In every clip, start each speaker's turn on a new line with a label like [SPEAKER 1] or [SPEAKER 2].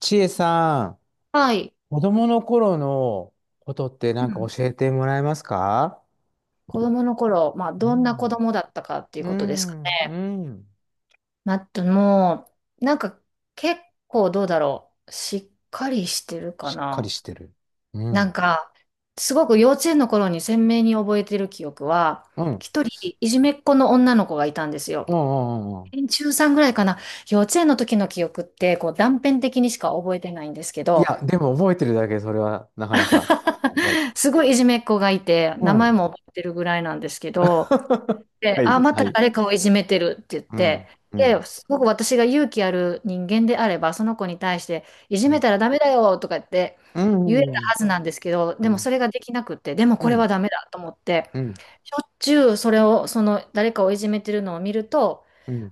[SPEAKER 1] ちえさん、
[SPEAKER 2] はい。
[SPEAKER 1] 子供の頃のことって
[SPEAKER 2] う
[SPEAKER 1] なんか
[SPEAKER 2] ん
[SPEAKER 1] 教えてもらえますか？
[SPEAKER 2] 子供の頃、まあ、
[SPEAKER 1] う
[SPEAKER 2] どんな子
[SPEAKER 1] ん。
[SPEAKER 2] 供だったかっていう
[SPEAKER 1] う
[SPEAKER 2] ことですか
[SPEAKER 1] ん、
[SPEAKER 2] ね。
[SPEAKER 1] うん。
[SPEAKER 2] まあ、あともう、なんか、結構どうだろう。しっかりしてるか
[SPEAKER 1] しっかり
[SPEAKER 2] な。
[SPEAKER 1] してる。うん。う
[SPEAKER 2] なん
[SPEAKER 1] ん。
[SPEAKER 2] か、すごく幼稚園の頃に鮮明に覚えてる記憶は、
[SPEAKER 1] うん、う
[SPEAKER 2] 一人、いじめっ子の女の子がいたんですよ。
[SPEAKER 1] ん、うんうん。
[SPEAKER 2] 中さんぐらいかな。幼稚園の時の記憶って、こう、断片的にしか覚えてないんですけ
[SPEAKER 1] い
[SPEAKER 2] ど、
[SPEAKER 1] や、でも覚えてるだけ、それはなかなか。すごい。
[SPEAKER 2] すごいいじめっ子がいて、
[SPEAKER 1] う
[SPEAKER 2] 名前
[SPEAKER 1] ん。
[SPEAKER 2] も覚えてるぐらいなんですけど、で、
[SPEAKER 1] は
[SPEAKER 2] あ、
[SPEAKER 1] い、
[SPEAKER 2] ま
[SPEAKER 1] は
[SPEAKER 2] た
[SPEAKER 1] い。
[SPEAKER 2] 誰かをいじめてるって言っ
[SPEAKER 1] う
[SPEAKER 2] て、
[SPEAKER 1] ん、う
[SPEAKER 2] で、
[SPEAKER 1] ん、
[SPEAKER 2] すごく私が勇気ある人間であれば、その子に対して、いじ
[SPEAKER 1] う
[SPEAKER 2] め
[SPEAKER 1] ん。
[SPEAKER 2] たらダメだよとか言って
[SPEAKER 1] う
[SPEAKER 2] 言えた
[SPEAKER 1] ん、うん、
[SPEAKER 2] はずなんですけど、
[SPEAKER 1] う
[SPEAKER 2] でもそ
[SPEAKER 1] ん、
[SPEAKER 2] れができなくって、でも
[SPEAKER 1] う
[SPEAKER 2] これは
[SPEAKER 1] ん、
[SPEAKER 2] ダメだと思って、
[SPEAKER 1] うん、
[SPEAKER 2] しょっちゅうそれを、その誰かをいじめてるのを見ると、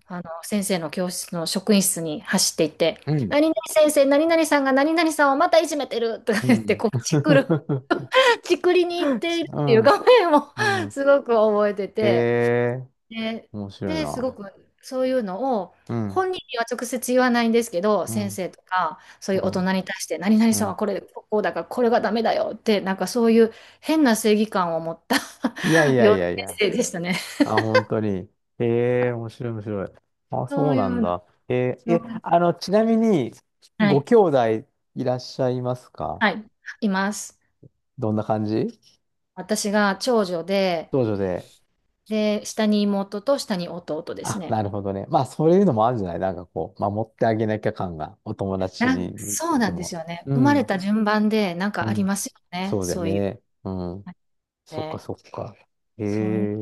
[SPEAKER 2] あの、先生の教室の職員室に走っていって、
[SPEAKER 1] うん、うん。
[SPEAKER 2] 何々先生、何々さんが何々さんをまたいじめてるとか
[SPEAKER 1] うん
[SPEAKER 2] 言
[SPEAKER 1] う
[SPEAKER 2] って、
[SPEAKER 1] ん。
[SPEAKER 2] こう、チクる、
[SPEAKER 1] う
[SPEAKER 2] チクりに行っ
[SPEAKER 1] ん
[SPEAKER 2] ているっ
[SPEAKER 1] う
[SPEAKER 2] ていう
[SPEAKER 1] んうん
[SPEAKER 2] 画面を
[SPEAKER 1] うんうんうんうんうんうんうん。
[SPEAKER 2] すごく覚えて
[SPEAKER 1] え
[SPEAKER 2] て、
[SPEAKER 1] え、
[SPEAKER 2] で、
[SPEAKER 1] 面白い
[SPEAKER 2] で、すご
[SPEAKER 1] な。
[SPEAKER 2] くそういうのを
[SPEAKER 1] うん。
[SPEAKER 2] 本人には直接言わないんですけど、
[SPEAKER 1] う
[SPEAKER 2] 先
[SPEAKER 1] ん。
[SPEAKER 2] 生とかそう
[SPEAKER 1] う
[SPEAKER 2] いう大
[SPEAKER 1] ん、
[SPEAKER 2] 人に対して、何々
[SPEAKER 1] う
[SPEAKER 2] さんは
[SPEAKER 1] ん。
[SPEAKER 2] これ、こうだからこれがダメだよって、なんかそういう変な正義感を持った
[SPEAKER 1] いやい や
[SPEAKER 2] 幼
[SPEAKER 1] い
[SPEAKER 2] 稚
[SPEAKER 1] やいや。
[SPEAKER 2] 園生でしたね。
[SPEAKER 1] あ、本当に。ええ、面白い面白い。あ、
[SPEAKER 2] そ
[SPEAKER 1] そう
[SPEAKER 2] ういう
[SPEAKER 1] なん
[SPEAKER 2] の、
[SPEAKER 1] だ。えー、え、あの、ちなみに、
[SPEAKER 2] は
[SPEAKER 1] ご
[SPEAKER 2] い、
[SPEAKER 1] 兄弟いらっしゃいますか？
[SPEAKER 2] はい、います。
[SPEAKER 1] どんな感じ？
[SPEAKER 2] 私が長女で、
[SPEAKER 1] 長女で。
[SPEAKER 2] で、下に妹と下に弟です
[SPEAKER 1] あ、
[SPEAKER 2] ね。
[SPEAKER 1] なるほどね。まあ、そういうのもあるんじゃない、なんかこう、守ってあげなきゃ感が、お友達に
[SPEAKER 2] そう
[SPEAKER 1] 出て
[SPEAKER 2] なんです
[SPEAKER 1] も。
[SPEAKER 2] よね。
[SPEAKER 1] う
[SPEAKER 2] 生まれ
[SPEAKER 1] ん、
[SPEAKER 2] た順番でなん
[SPEAKER 1] う
[SPEAKER 2] かあり
[SPEAKER 1] ん。
[SPEAKER 2] ますよね。
[SPEAKER 1] そうだよ
[SPEAKER 2] そういう。
[SPEAKER 1] ね。うん。そっか
[SPEAKER 2] ね。
[SPEAKER 1] そっか。え
[SPEAKER 2] そんな
[SPEAKER 1] え、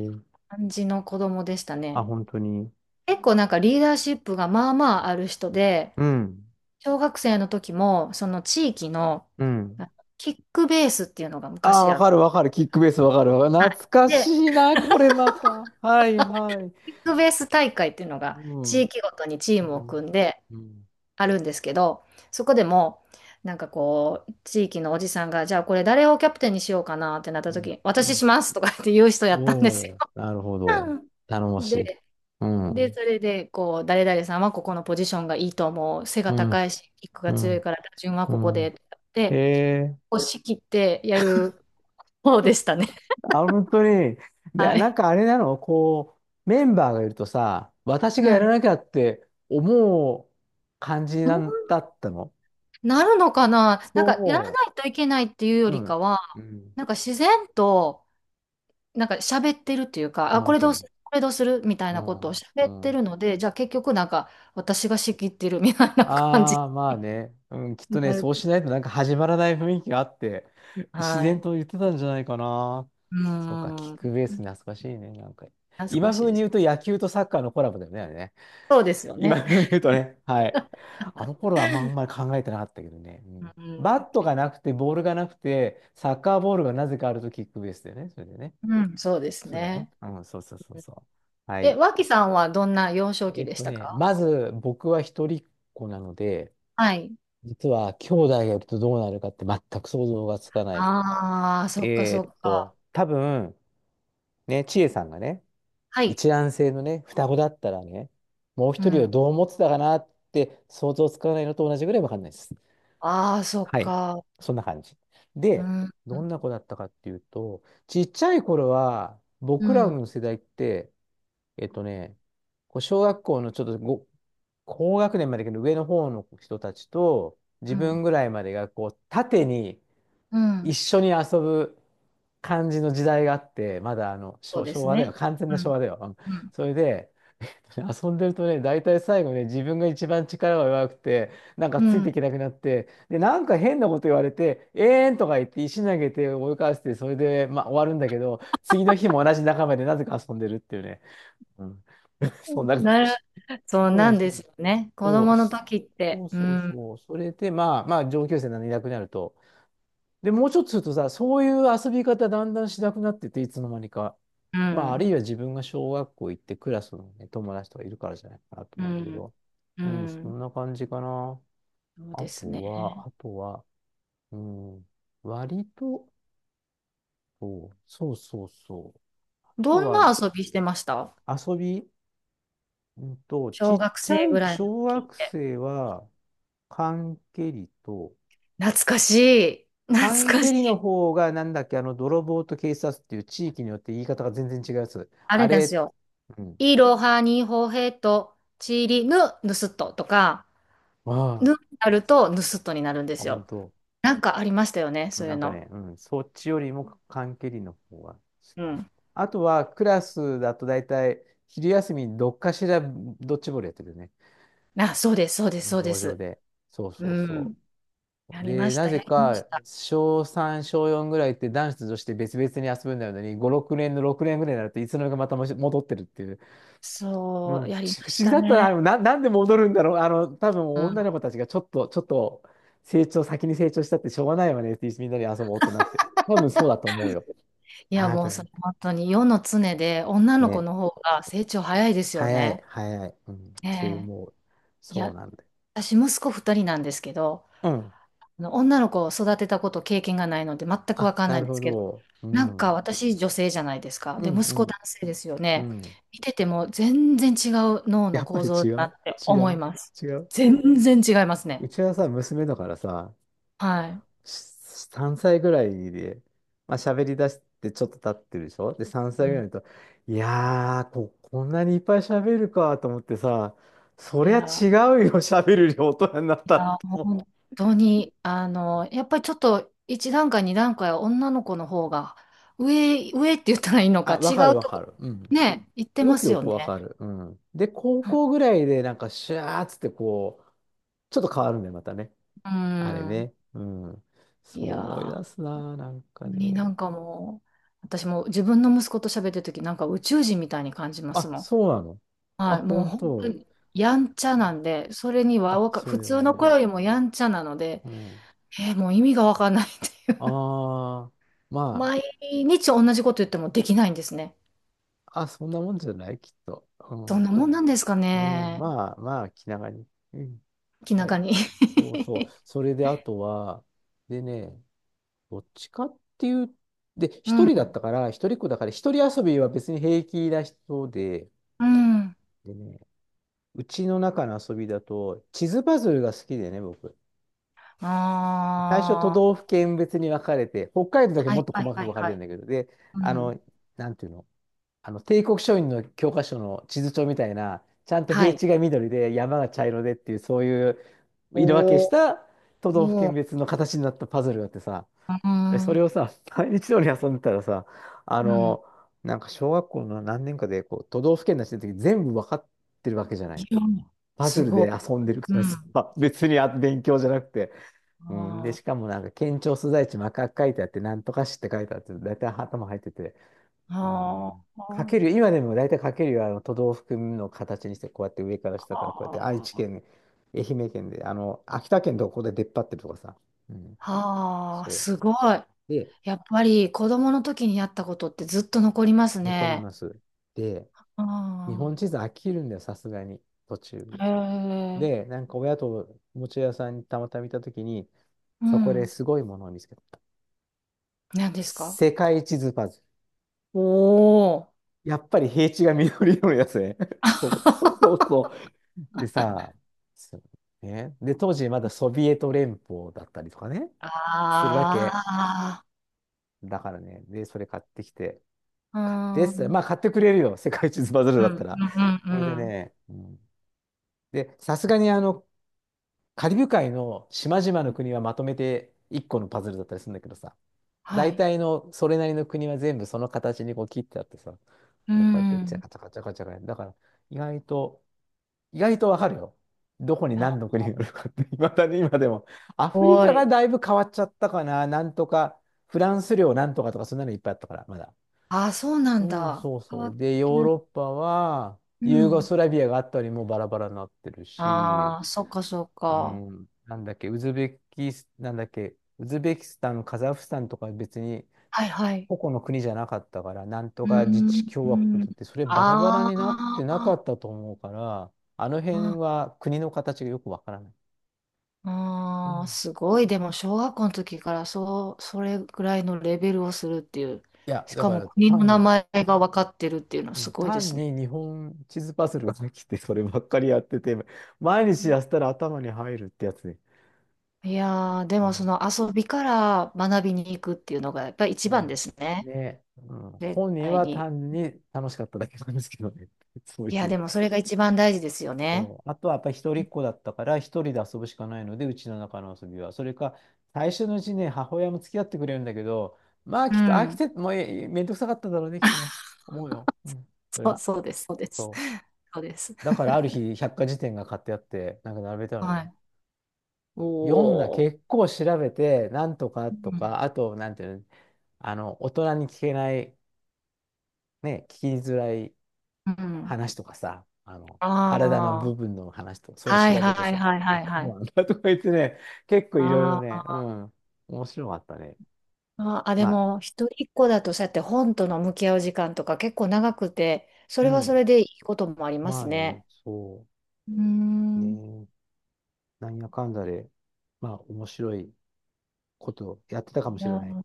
[SPEAKER 2] 感じの子供でした
[SPEAKER 1] あ、
[SPEAKER 2] ね。
[SPEAKER 1] 本当に。
[SPEAKER 2] 結構なんかリーダーシップがまあまあある人で、
[SPEAKER 1] うん、
[SPEAKER 2] 小学生の時もその地域の
[SPEAKER 1] うん。
[SPEAKER 2] あキックベースっていうのが
[SPEAKER 1] ああ、
[SPEAKER 2] 昔
[SPEAKER 1] わ
[SPEAKER 2] あっ
[SPEAKER 1] か
[SPEAKER 2] て、
[SPEAKER 1] るわかる。キックベースわかるわか
[SPEAKER 2] は
[SPEAKER 1] る。懐か
[SPEAKER 2] い。
[SPEAKER 1] し
[SPEAKER 2] で、
[SPEAKER 1] いな、これまた。はいはい。
[SPEAKER 2] キックベース大会っていうのが
[SPEAKER 1] うん。
[SPEAKER 2] 地域ごとにチー
[SPEAKER 1] う
[SPEAKER 2] ムを
[SPEAKER 1] ん。
[SPEAKER 2] 組んで
[SPEAKER 1] うん。
[SPEAKER 2] あるんですけど、そこでもなんかこう、地域のおじさんが、じゃあこれ誰をキャプテンにしようかなってなっ
[SPEAKER 1] う
[SPEAKER 2] た時
[SPEAKER 1] ん。
[SPEAKER 2] に、
[SPEAKER 1] う
[SPEAKER 2] 私
[SPEAKER 1] ん。
[SPEAKER 2] しますとかって言う人やったんです
[SPEAKER 1] お
[SPEAKER 2] よ。
[SPEAKER 1] おー、なるほど。頼も
[SPEAKER 2] うん。
[SPEAKER 1] しい。
[SPEAKER 2] で、
[SPEAKER 1] う
[SPEAKER 2] で、そ
[SPEAKER 1] ん。
[SPEAKER 2] れで、こう、誰々さんはここのポジションがいいと思う。背が
[SPEAKER 1] うん。
[SPEAKER 2] 高いし、キックが
[SPEAKER 1] う
[SPEAKER 2] 強い
[SPEAKER 1] ん。
[SPEAKER 2] から、打順は
[SPEAKER 1] う
[SPEAKER 2] ここ
[SPEAKER 1] ん。
[SPEAKER 2] で、
[SPEAKER 1] へ
[SPEAKER 2] で、
[SPEAKER 1] え。
[SPEAKER 2] 押し切ってやる方でしたね。
[SPEAKER 1] あ、本当に。で、
[SPEAKER 2] は
[SPEAKER 1] なん
[SPEAKER 2] い。
[SPEAKER 1] かあれなのこう、メンバーがいるとさ、私が
[SPEAKER 2] は
[SPEAKER 1] やら
[SPEAKER 2] い。
[SPEAKER 1] なきゃって思う感じな
[SPEAKER 2] そ
[SPEAKER 1] ん
[SPEAKER 2] う
[SPEAKER 1] だったの？
[SPEAKER 2] なるのかな、なんか、やらな
[SPEAKER 1] そ
[SPEAKER 2] いといけないっていうよ
[SPEAKER 1] う。う
[SPEAKER 2] り
[SPEAKER 1] ん。
[SPEAKER 2] かは、
[SPEAKER 1] うん。
[SPEAKER 2] なんか自然と、なんか喋ってるっていうか、
[SPEAKER 1] あ、
[SPEAKER 2] あ、こ
[SPEAKER 1] 本
[SPEAKER 2] れ
[SPEAKER 1] 当
[SPEAKER 2] どうす
[SPEAKER 1] に。
[SPEAKER 2] る、これどうするみたい
[SPEAKER 1] う
[SPEAKER 2] なことを
[SPEAKER 1] ん。
[SPEAKER 2] 喋っ
[SPEAKER 1] う
[SPEAKER 2] て
[SPEAKER 1] ん。
[SPEAKER 2] るので、じゃあ結局なんか、私が仕切ってるみたいな感じ
[SPEAKER 1] ああ、まあね。うん、きっ
[SPEAKER 2] に
[SPEAKER 1] とね、
[SPEAKER 2] なる。
[SPEAKER 1] そうしないとなんか始まらない雰囲気があって、自
[SPEAKER 2] は
[SPEAKER 1] 然
[SPEAKER 2] い。
[SPEAKER 1] と言ってたんじゃないかな。
[SPEAKER 2] う
[SPEAKER 1] そうか、キ
[SPEAKER 2] ー
[SPEAKER 1] ッ
[SPEAKER 2] ん。
[SPEAKER 1] クベース懐かしいね、なんか。
[SPEAKER 2] 懐か
[SPEAKER 1] 今
[SPEAKER 2] しい
[SPEAKER 1] 風
[SPEAKER 2] で
[SPEAKER 1] に
[SPEAKER 2] す。
[SPEAKER 1] 言うと野球とサッカーのコラボだよね、あれね。
[SPEAKER 2] そうですよ
[SPEAKER 1] 今
[SPEAKER 2] ね。
[SPEAKER 1] 風に言うとね、はい。あの頃はあんまり考えてなかったけどね。う
[SPEAKER 2] う
[SPEAKER 1] ん、バ
[SPEAKER 2] ん。
[SPEAKER 1] ットがなくて、ボールがなくて、サッカーボールがなぜかあるとキックベースだよね、それでね。
[SPEAKER 2] うん、そうです
[SPEAKER 1] そうだね。
[SPEAKER 2] ね。
[SPEAKER 1] うん、そうそうそうそう。は
[SPEAKER 2] え、
[SPEAKER 1] い。
[SPEAKER 2] 脇さんはどんな幼少期でしたか？
[SPEAKER 1] まず僕は一人っ子なので、
[SPEAKER 2] はい。
[SPEAKER 1] 実は兄弟がいるとどうなるかって全く想像がつかない。
[SPEAKER 2] ああ、そっかそっか。
[SPEAKER 1] 多分、ね、千恵さんがね、
[SPEAKER 2] はい。
[SPEAKER 1] 一卵性のね、双子だったらね、もう
[SPEAKER 2] う
[SPEAKER 1] 一人を
[SPEAKER 2] ん。
[SPEAKER 1] どう思ってたかなって想像つかないのと同じぐらいわかんないです。
[SPEAKER 2] ああ、そっ
[SPEAKER 1] はい。
[SPEAKER 2] か。
[SPEAKER 1] そんな感じ。
[SPEAKER 2] う
[SPEAKER 1] で、
[SPEAKER 2] ん、
[SPEAKER 1] どんな子だったかっていうと、ちっちゃい頃は、
[SPEAKER 2] う
[SPEAKER 1] 僕ら
[SPEAKER 2] ん、
[SPEAKER 1] の世代って、えっとね、こう小学校のちょっとご高学年までの上の方の人たちと、自
[SPEAKER 2] う
[SPEAKER 1] 分
[SPEAKER 2] ん、
[SPEAKER 1] ぐらいまでがこう縦に
[SPEAKER 2] う
[SPEAKER 1] 一
[SPEAKER 2] ん。
[SPEAKER 1] 緒に遊ぶ感じの時代があって、まだあの、
[SPEAKER 2] そう
[SPEAKER 1] 昭
[SPEAKER 2] で
[SPEAKER 1] 昭
[SPEAKER 2] す
[SPEAKER 1] 和だよ。
[SPEAKER 2] ね。
[SPEAKER 1] 完全
[SPEAKER 2] う
[SPEAKER 1] な昭
[SPEAKER 2] ん、
[SPEAKER 1] 和だよ。うん。
[SPEAKER 2] うん、
[SPEAKER 1] それで、遊んでるとね、大体最後ね、自分が一番力が弱くて、なんか
[SPEAKER 2] う
[SPEAKER 1] ついて
[SPEAKER 2] ん。
[SPEAKER 1] いけなくなって、で、なんか変なこと言われて、えーんとか言って石投げて追い返して、それで、まあ、終わるんだけど、次の日も同じ仲間でなぜか遊んでるっていうね。うん。そんな感
[SPEAKER 2] なる、
[SPEAKER 1] じ。
[SPEAKER 2] そう
[SPEAKER 1] そ
[SPEAKER 2] な
[SPEAKER 1] う
[SPEAKER 2] んで
[SPEAKER 1] そ
[SPEAKER 2] す
[SPEAKER 1] う。
[SPEAKER 2] よね。子
[SPEAKER 1] そう
[SPEAKER 2] 供の
[SPEAKER 1] そ
[SPEAKER 2] 時って。
[SPEAKER 1] う
[SPEAKER 2] う
[SPEAKER 1] そう
[SPEAKER 2] ん、
[SPEAKER 1] そう。それで、まあ、まあ、上級生なのにいなくなると、で、もうちょっとするとさ、そういう遊び方だんだんしなくなってて、いつの間にか。
[SPEAKER 2] う
[SPEAKER 1] まあ、あるい
[SPEAKER 2] ん、
[SPEAKER 1] は自分が小学校行ってクラスのね、友達とかいるからじゃないかなと
[SPEAKER 2] う
[SPEAKER 1] 思うんだけ
[SPEAKER 2] ん、
[SPEAKER 1] ど。
[SPEAKER 2] う
[SPEAKER 1] うん、そ
[SPEAKER 2] ん。
[SPEAKER 1] んな感じかな。
[SPEAKER 2] そう
[SPEAKER 1] あ
[SPEAKER 2] ですね。
[SPEAKER 1] とは、あとは、うん、割と、そうそうそうそう。あ
[SPEAKER 2] ど
[SPEAKER 1] と
[SPEAKER 2] ん
[SPEAKER 1] は、
[SPEAKER 2] な遊びしてました？
[SPEAKER 1] 遊び、ち
[SPEAKER 2] 小
[SPEAKER 1] っ
[SPEAKER 2] 学
[SPEAKER 1] ち
[SPEAKER 2] 生
[SPEAKER 1] ゃい
[SPEAKER 2] ぐらいの
[SPEAKER 1] 小
[SPEAKER 2] 時っ
[SPEAKER 1] 学
[SPEAKER 2] て。
[SPEAKER 1] 生は、缶蹴りと、
[SPEAKER 2] 懐かしい。懐
[SPEAKER 1] 缶
[SPEAKER 2] か
[SPEAKER 1] 蹴
[SPEAKER 2] し
[SPEAKER 1] りの
[SPEAKER 2] い。
[SPEAKER 1] 方が、なんだっけ、あの、泥棒と警察っていう地域によって言い方が全然違うやつ。
[SPEAKER 2] あ
[SPEAKER 1] あ
[SPEAKER 2] れです
[SPEAKER 1] れ、
[SPEAKER 2] よ。
[SPEAKER 1] うん。
[SPEAKER 2] イロハニホヘとチリヌ、ヌスットとか、
[SPEAKER 1] あ
[SPEAKER 2] ヌになるとヌスットになるんで
[SPEAKER 1] あ、あ、
[SPEAKER 2] す
[SPEAKER 1] 本
[SPEAKER 2] よ。
[SPEAKER 1] 当。
[SPEAKER 2] なんかありましたよね、そうい
[SPEAKER 1] な
[SPEAKER 2] う
[SPEAKER 1] んか
[SPEAKER 2] の。
[SPEAKER 1] ね、うん、そっちよりも缶蹴りの方が好
[SPEAKER 2] う
[SPEAKER 1] き。
[SPEAKER 2] ん。
[SPEAKER 1] あとは、クラスだと大体、昼休みにどっかしらドッジボールやってるよね。
[SPEAKER 2] あ、そうです、そうです、そうで
[SPEAKER 1] 道場
[SPEAKER 2] す。
[SPEAKER 1] で。そうそ
[SPEAKER 2] う
[SPEAKER 1] うそ
[SPEAKER 2] ん。や
[SPEAKER 1] う。
[SPEAKER 2] りま
[SPEAKER 1] で、
[SPEAKER 2] し
[SPEAKER 1] な
[SPEAKER 2] た、
[SPEAKER 1] ぜ
[SPEAKER 2] やりまし
[SPEAKER 1] か、
[SPEAKER 2] た。
[SPEAKER 1] 小3、小4ぐらいって男子と女子って別々に遊ぶんだよね。5、6年の6年ぐらいになると、いつの間にかまた戻ってるっていう。うん、
[SPEAKER 2] そう、やりま
[SPEAKER 1] 不
[SPEAKER 2] し
[SPEAKER 1] 思議
[SPEAKER 2] た
[SPEAKER 1] だったな。
[SPEAKER 2] ね。
[SPEAKER 1] あのな、なんで戻るんだろう。あの、多分
[SPEAKER 2] う
[SPEAKER 1] 女
[SPEAKER 2] ん。
[SPEAKER 1] の子たちがちょっと成長、先に成長したってしょうがないわねって、みんなで遊ぼうってなって。多分そうだと思うよ。
[SPEAKER 2] いや、
[SPEAKER 1] 多
[SPEAKER 2] もうそれ
[SPEAKER 1] 分。
[SPEAKER 2] 本当に世の常で女の子
[SPEAKER 1] ね。
[SPEAKER 2] の方が成長早いですよ
[SPEAKER 1] 早い、
[SPEAKER 2] ね。
[SPEAKER 1] 早い。うん、そう
[SPEAKER 2] ねえ。
[SPEAKER 1] 思う。
[SPEAKER 2] い
[SPEAKER 1] そう
[SPEAKER 2] や、
[SPEAKER 1] なんだよ。
[SPEAKER 2] 私息子二人なんですけど、
[SPEAKER 1] うん。
[SPEAKER 2] あの女の子を育てたこと経験がないので全くわ
[SPEAKER 1] あ、
[SPEAKER 2] かんな
[SPEAKER 1] な
[SPEAKER 2] いん
[SPEAKER 1] る
[SPEAKER 2] で
[SPEAKER 1] ほ
[SPEAKER 2] すけど、
[SPEAKER 1] ど。う
[SPEAKER 2] なん
[SPEAKER 1] ん。う
[SPEAKER 2] か
[SPEAKER 1] ん、
[SPEAKER 2] 私女性じゃないですか。
[SPEAKER 1] う
[SPEAKER 2] で、息子男
[SPEAKER 1] ん、
[SPEAKER 2] 性ですよ
[SPEAKER 1] う
[SPEAKER 2] ね。
[SPEAKER 1] ん。
[SPEAKER 2] 見てても全然違う脳
[SPEAKER 1] や
[SPEAKER 2] の
[SPEAKER 1] っぱ
[SPEAKER 2] 構
[SPEAKER 1] り
[SPEAKER 2] 造
[SPEAKER 1] 違
[SPEAKER 2] だなっ
[SPEAKER 1] う
[SPEAKER 2] て
[SPEAKER 1] 違
[SPEAKER 2] 思い
[SPEAKER 1] う
[SPEAKER 2] ます。
[SPEAKER 1] 違う。
[SPEAKER 2] 全然違いますね。
[SPEAKER 1] うちはさ、娘だからさ、
[SPEAKER 2] はい。
[SPEAKER 1] 3歳ぐらいで、まあ、喋り出してちょっと経ってるでしょ。で、3
[SPEAKER 2] う
[SPEAKER 1] 歳ぐ
[SPEAKER 2] ん、
[SPEAKER 1] らいだと、いやー、こんなにいっぱい喋るかと思ってさ、そりゃ
[SPEAKER 2] い
[SPEAKER 1] 違うよ、喋る量大人になった
[SPEAKER 2] や
[SPEAKER 1] っ
[SPEAKER 2] ー
[SPEAKER 1] て思って。
[SPEAKER 2] 本当に、あの、やっぱりちょっと一段階、二段階は女の子の方が上、上って言ったらいいのか、
[SPEAKER 1] あ、わ
[SPEAKER 2] 違
[SPEAKER 1] かる
[SPEAKER 2] う
[SPEAKER 1] わ
[SPEAKER 2] と
[SPEAKER 1] か
[SPEAKER 2] こ、
[SPEAKER 1] る。うん。す
[SPEAKER 2] ね、言って
[SPEAKER 1] ご
[SPEAKER 2] ま
[SPEAKER 1] く
[SPEAKER 2] す
[SPEAKER 1] よ
[SPEAKER 2] よ
[SPEAKER 1] く
[SPEAKER 2] ね。
[SPEAKER 1] わかる。うん。で、高校ぐらいでなんかシャーっつってこう、ちょっと変わるんだよ、またね。
[SPEAKER 2] う
[SPEAKER 1] あれ
[SPEAKER 2] ん。
[SPEAKER 1] ね。うん。
[SPEAKER 2] い
[SPEAKER 1] そう
[SPEAKER 2] や
[SPEAKER 1] 思い出
[SPEAKER 2] ー
[SPEAKER 1] すなあなんかね。
[SPEAKER 2] に、なんかもう、私も自分の息子と喋ってる時なんか宇宙人みたいに感じます
[SPEAKER 1] あ、
[SPEAKER 2] もん。
[SPEAKER 1] そうなの。あ、
[SPEAKER 2] はい、もう
[SPEAKER 1] 本
[SPEAKER 2] 本当
[SPEAKER 1] 当。
[SPEAKER 2] にやんちゃなんで、それには
[SPEAKER 1] あ、
[SPEAKER 2] わか、
[SPEAKER 1] そ
[SPEAKER 2] 普
[SPEAKER 1] れ
[SPEAKER 2] 通
[SPEAKER 1] は
[SPEAKER 2] の子
[SPEAKER 1] ね。
[SPEAKER 2] よりもやんちゃなので、
[SPEAKER 1] うん。
[SPEAKER 2] えーもう意味がわかんないっていう。
[SPEAKER 1] ああ、ま
[SPEAKER 2] 毎日同じこと言ってもできないんですね。
[SPEAKER 1] あ、あ、そんなもんじゃない、きっと。う
[SPEAKER 2] どん
[SPEAKER 1] ん。
[SPEAKER 2] なもんなんですか
[SPEAKER 1] うん、
[SPEAKER 2] ね。
[SPEAKER 1] まあ、まあ、気長に。うん。
[SPEAKER 2] 気
[SPEAKER 1] は
[SPEAKER 2] 長
[SPEAKER 1] い。
[SPEAKER 2] に。
[SPEAKER 1] そうそう。それで、あとは、でね、どっちかっていう、で、
[SPEAKER 2] う
[SPEAKER 1] 一
[SPEAKER 2] ん、
[SPEAKER 1] 人だったから、一人っ子だから、一人遊びは別に平気な人で、
[SPEAKER 2] うん。
[SPEAKER 1] でね、うちの中の遊びだと、地図パズルが好きでね、僕。最初、都
[SPEAKER 2] あ
[SPEAKER 1] 道府県別に分かれて、北海道
[SPEAKER 2] あ、
[SPEAKER 1] だけ
[SPEAKER 2] は
[SPEAKER 1] もっ
[SPEAKER 2] い
[SPEAKER 1] と
[SPEAKER 2] は
[SPEAKER 1] 細
[SPEAKER 2] い
[SPEAKER 1] か
[SPEAKER 2] は
[SPEAKER 1] く
[SPEAKER 2] い
[SPEAKER 1] 分かれて
[SPEAKER 2] は
[SPEAKER 1] る
[SPEAKER 2] い。
[SPEAKER 1] んだけど、で、
[SPEAKER 2] う
[SPEAKER 1] あ
[SPEAKER 2] ん。
[SPEAKER 1] の、なんていうの、帝国書院の教科書の地図帳みたいな、ちゃんと
[SPEAKER 2] は
[SPEAKER 1] 平
[SPEAKER 2] い。
[SPEAKER 1] 地が緑で山が茶色でっていう、そういう
[SPEAKER 2] お
[SPEAKER 1] 色分けし
[SPEAKER 2] お、
[SPEAKER 1] た都道府県
[SPEAKER 2] も
[SPEAKER 1] 別の形になったパズルがあってさ、
[SPEAKER 2] う、う
[SPEAKER 1] で、それ
[SPEAKER 2] ん、
[SPEAKER 1] をさ、毎日のように遊んでたらさ、あ
[SPEAKER 2] うん。
[SPEAKER 1] の、なんか小学校の何年かでこう都道府県出してる時全部分かってるわけじゃな
[SPEAKER 2] い
[SPEAKER 1] い。
[SPEAKER 2] や
[SPEAKER 1] パズ
[SPEAKER 2] す
[SPEAKER 1] ル
[SPEAKER 2] ごい。
[SPEAKER 1] で遊んでる
[SPEAKER 2] う
[SPEAKER 1] からさ、
[SPEAKER 2] ん。
[SPEAKER 1] 別に勉強じゃなくて。うん、で、
[SPEAKER 2] あ
[SPEAKER 1] し
[SPEAKER 2] ー
[SPEAKER 1] かもなんか県庁所在地真っ赤く書いてあって、なんとか市って書いてあって、だいたい頭入ってて、う
[SPEAKER 2] あ
[SPEAKER 1] ん。
[SPEAKER 2] ー、
[SPEAKER 1] か
[SPEAKER 2] は
[SPEAKER 1] ける、今でも大体かけるよ、あの都道府県の形にして、こうやって上から下からこうやって愛
[SPEAKER 2] あ、
[SPEAKER 1] 知県、愛媛県で、あの、秋田県どこで出っ張ってるとかさ。うん。
[SPEAKER 2] はあー、
[SPEAKER 1] そ
[SPEAKER 2] すごい。
[SPEAKER 1] う。で、
[SPEAKER 2] やっぱり子供の時にやったことってずっと残ります
[SPEAKER 1] 残り
[SPEAKER 2] ね。
[SPEAKER 1] ます。で、
[SPEAKER 2] あ
[SPEAKER 1] 日本地図飽きるんだよ、さすがに、途中で。
[SPEAKER 2] あ、へえ、
[SPEAKER 1] で、なんか親とおもちゃ屋さんにたまたま見たときに、
[SPEAKER 2] う
[SPEAKER 1] そこで
[SPEAKER 2] ん。
[SPEAKER 1] すごいものを見つけた。
[SPEAKER 2] 何ですか？
[SPEAKER 1] 世界地図パズル。
[SPEAKER 2] おおー。
[SPEAKER 1] やっぱり平地が緑色のやつね。そうそうそう。でさ、そうね。で、当時まだソビエト連邦だったりとかね、するわけ。
[SPEAKER 2] あ
[SPEAKER 1] だからね、で、それ買ってきて、
[SPEAKER 2] あ、
[SPEAKER 1] 買ってっつっ
[SPEAKER 2] う
[SPEAKER 1] た
[SPEAKER 2] ん、
[SPEAKER 1] ら
[SPEAKER 2] うん、
[SPEAKER 1] まあ買ってくれるよ、世界地図バズる
[SPEAKER 2] うん、
[SPEAKER 1] だ
[SPEAKER 2] う
[SPEAKER 1] ったら。
[SPEAKER 2] ん。
[SPEAKER 1] それ
[SPEAKER 2] う
[SPEAKER 1] で
[SPEAKER 2] ん。
[SPEAKER 1] ね、うん、で、さすがにあの、カリブ海の島々の国はまとめて1個のパズルだったりするんだけどさ、
[SPEAKER 2] は
[SPEAKER 1] 大
[SPEAKER 2] い。
[SPEAKER 1] 体のそれなりの国は全部その形にこう切ってあってさ、
[SPEAKER 2] う
[SPEAKER 1] でこうやってチャ
[SPEAKER 2] ん。
[SPEAKER 1] カチャカチャカチャカやるだから、意外と、意外とわかるよ。どこに
[SPEAKER 2] あ、
[SPEAKER 1] 何の
[SPEAKER 2] す
[SPEAKER 1] 国があるかって、いまだに今でも。アフリ
[SPEAKER 2] ご
[SPEAKER 1] カが
[SPEAKER 2] い。
[SPEAKER 1] だいぶ変わっちゃったかな。なんとか、フランス領なんとかとか、そんなのいっぱいあったから、まだ。
[SPEAKER 2] ああ、そうなん
[SPEAKER 1] うん、
[SPEAKER 2] だ。
[SPEAKER 1] そう
[SPEAKER 2] 変わ
[SPEAKER 1] そう。
[SPEAKER 2] っ
[SPEAKER 1] で、
[SPEAKER 2] て
[SPEAKER 1] ヨー
[SPEAKER 2] る。
[SPEAKER 1] ロッパは、
[SPEAKER 2] う
[SPEAKER 1] ユーゴ
[SPEAKER 2] ん。
[SPEAKER 1] スラビアがあったりもうバラバラになってるし、
[SPEAKER 2] ああ、そっか、そっ
[SPEAKER 1] う
[SPEAKER 2] か。
[SPEAKER 1] ん、なんだっけ、ウズベキス、なんだっけ、ウズベキスタン、カザフスタンとか別に
[SPEAKER 2] はい、はい。
[SPEAKER 1] 個々の国じゃなかったから、なんと
[SPEAKER 2] う
[SPEAKER 1] か自
[SPEAKER 2] ー
[SPEAKER 1] 治共和国
[SPEAKER 2] ん。
[SPEAKER 1] だって、それバラバラ
[SPEAKER 2] あ
[SPEAKER 1] になってな
[SPEAKER 2] あ、
[SPEAKER 1] かったと思うから、あの辺
[SPEAKER 2] あ
[SPEAKER 1] は国の形がよくわからない。う
[SPEAKER 2] あー、
[SPEAKER 1] ん、
[SPEAKER 2] すごい。でも、小学校の時からそう、それぐらいのレベルをするっていう。
[SPEAKER 1] いや、
[SPEAKER 2] し
[SPEAKER 1] だ
[SPEAKER 2] か
[SPEAKER 1] か
[SPEAKER 2] も、
[SPEAKER 1] ら
[SPEAKER 2] 国の名
[SPEAKER 1] 単、
[SPEAKER 2] 前が分かってるっていうのは
[SPEAKER 1] う
[SPEAKER 2] す
[SPEAKER 1] ん
[SPEAKER 2] ごいで
[SPEAKER 1] 単
[SPEAKER 2] すね。
[SPEAKER 1] に日本地図パズルができて、そればっかりやってて、毎日やったら頭に入るってやつで。
[SPEAKER 2] いやー、で
[SPEAKER 1] う
[SPEAKER 2] も、そ
[SPEAKER 1] ん
[SPEAKER 2] の遊びから学びに行くっていうのが、やっぱり一
[SPEAKER 1] う
[SPEAKER 2] 番で
[SPEAKER 1] ん
[SPEAKER 2] すね。
[SPEAKER 1] ね、うん、
[SPEAKER 2] 絶
[SPEAKER 1] 本人
[SPEAKER 2] 対
[SPEAKER 1] は
[SPEAKER 2] に。
[SPEAKER 1] 単に楽しかっただけなんですけどね。そう
[SPEAKER 2] い
[SPEAKER 1] い
[SPEAKER 2] や、で
[SPEAKER 1] う。
[SPEAKER 2] も、それが一番大事ですよね。
[SPEAKER 1] そう。あとはやっぱり一人っ子だったから、一人で遊ぶしかないので、うちの中の遊びは。それか、最初のうちね、母親も付き合ってくれるんだけど、まあ、
[SPEAKER 2] う
[SPEAKER 1] きっと飽き
[SPEAKER 2] ん。
[SPEAKER 1] て、もうええめんどくさかっただろうね、きっとね。思うよ。うん。それ
[SPEAKER 2] そう、
[SPEAKER 1] は。
[SPEAKER 2] そうです、そうです。
[SPEAKER 1] そ
[SPEAKER 2] そうです。
[SPEAKER 1] う。だから、ある日、百科事典が買ってあって、なんか並べたの
[SPEAKER 2] は
[SPEAKER 1] ね。
[SPEAKER 2] い。お
[SPEAKER 1] 読んだ、
[SPEAKER 2] ー。
[SPEAKER 1] 結構調べて、なんとか
[SPEAKER 2] う
[SPEAKER 1] と
[SPEAKER 2] ん。
[SPEAKER 1] か、あと、なんていうの、あの、大人に聞けない、ね、聞きづらい
[SPEAKER 2] うん。
[SPEAKER 1] 話とかさ、あの、体の部
[SPEAKER 2] ああ、
[SPEAKER 1] 分の話とか、そういうの
[SPEAKER 2] はい
[SPEAKER 1] 調べて
[SPEAKER 2] はい
[SPEAKER 1] さ、
[SPEAKER 2] はい
[SPEAKER 1] あ、
[SPEAKER 2] はい
[SPEAKER 1] こう
[SPEAKER 2] はい。
[SPEAKER 1] なんだ とか言ってね、結構いろいろ
[SPEAKER 2] あ
[SPEAKER 1] ね、うん、面白かったね。
[SPEAKER 2] あ、あ、で
[SPEAKER 1] まあ、
[SPEAKER 2] も一人っ子だとそうやって本との向き合う時間とか結構長くて、そ
[SPEAKER 1] う
[SPEAKER 2] れはそ
[SPEAKER 1] ん、
[SPEAKER 2] れでいいこともありま
[SPEAKER 1] ま
[SPEAKER 2] す
[SPEAKER 1] あね、
[SPEAKER 2] ね。
[SPEAKER 1] そ
[SPEAKER 2] うー
[SPEAKER 1] う
[SPEAKER 2] ん。
[SPEAKER 1] ね、なんやかんだで、まあ、面白いことをやってたかも
[SPEAKER 2] い
[SPEAKER 1] しれ
[SPEAKER 2] や、
[SPEAKER 1] ない。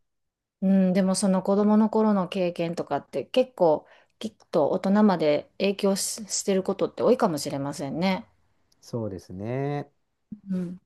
[SPEAKER 2] うん、でもその子供の頃の経験とかって結構きっと大人まで影響し、してることって多いかもしれませんね。
[SPEAKER 1] そうですね。
[SPEAKER 2] うん。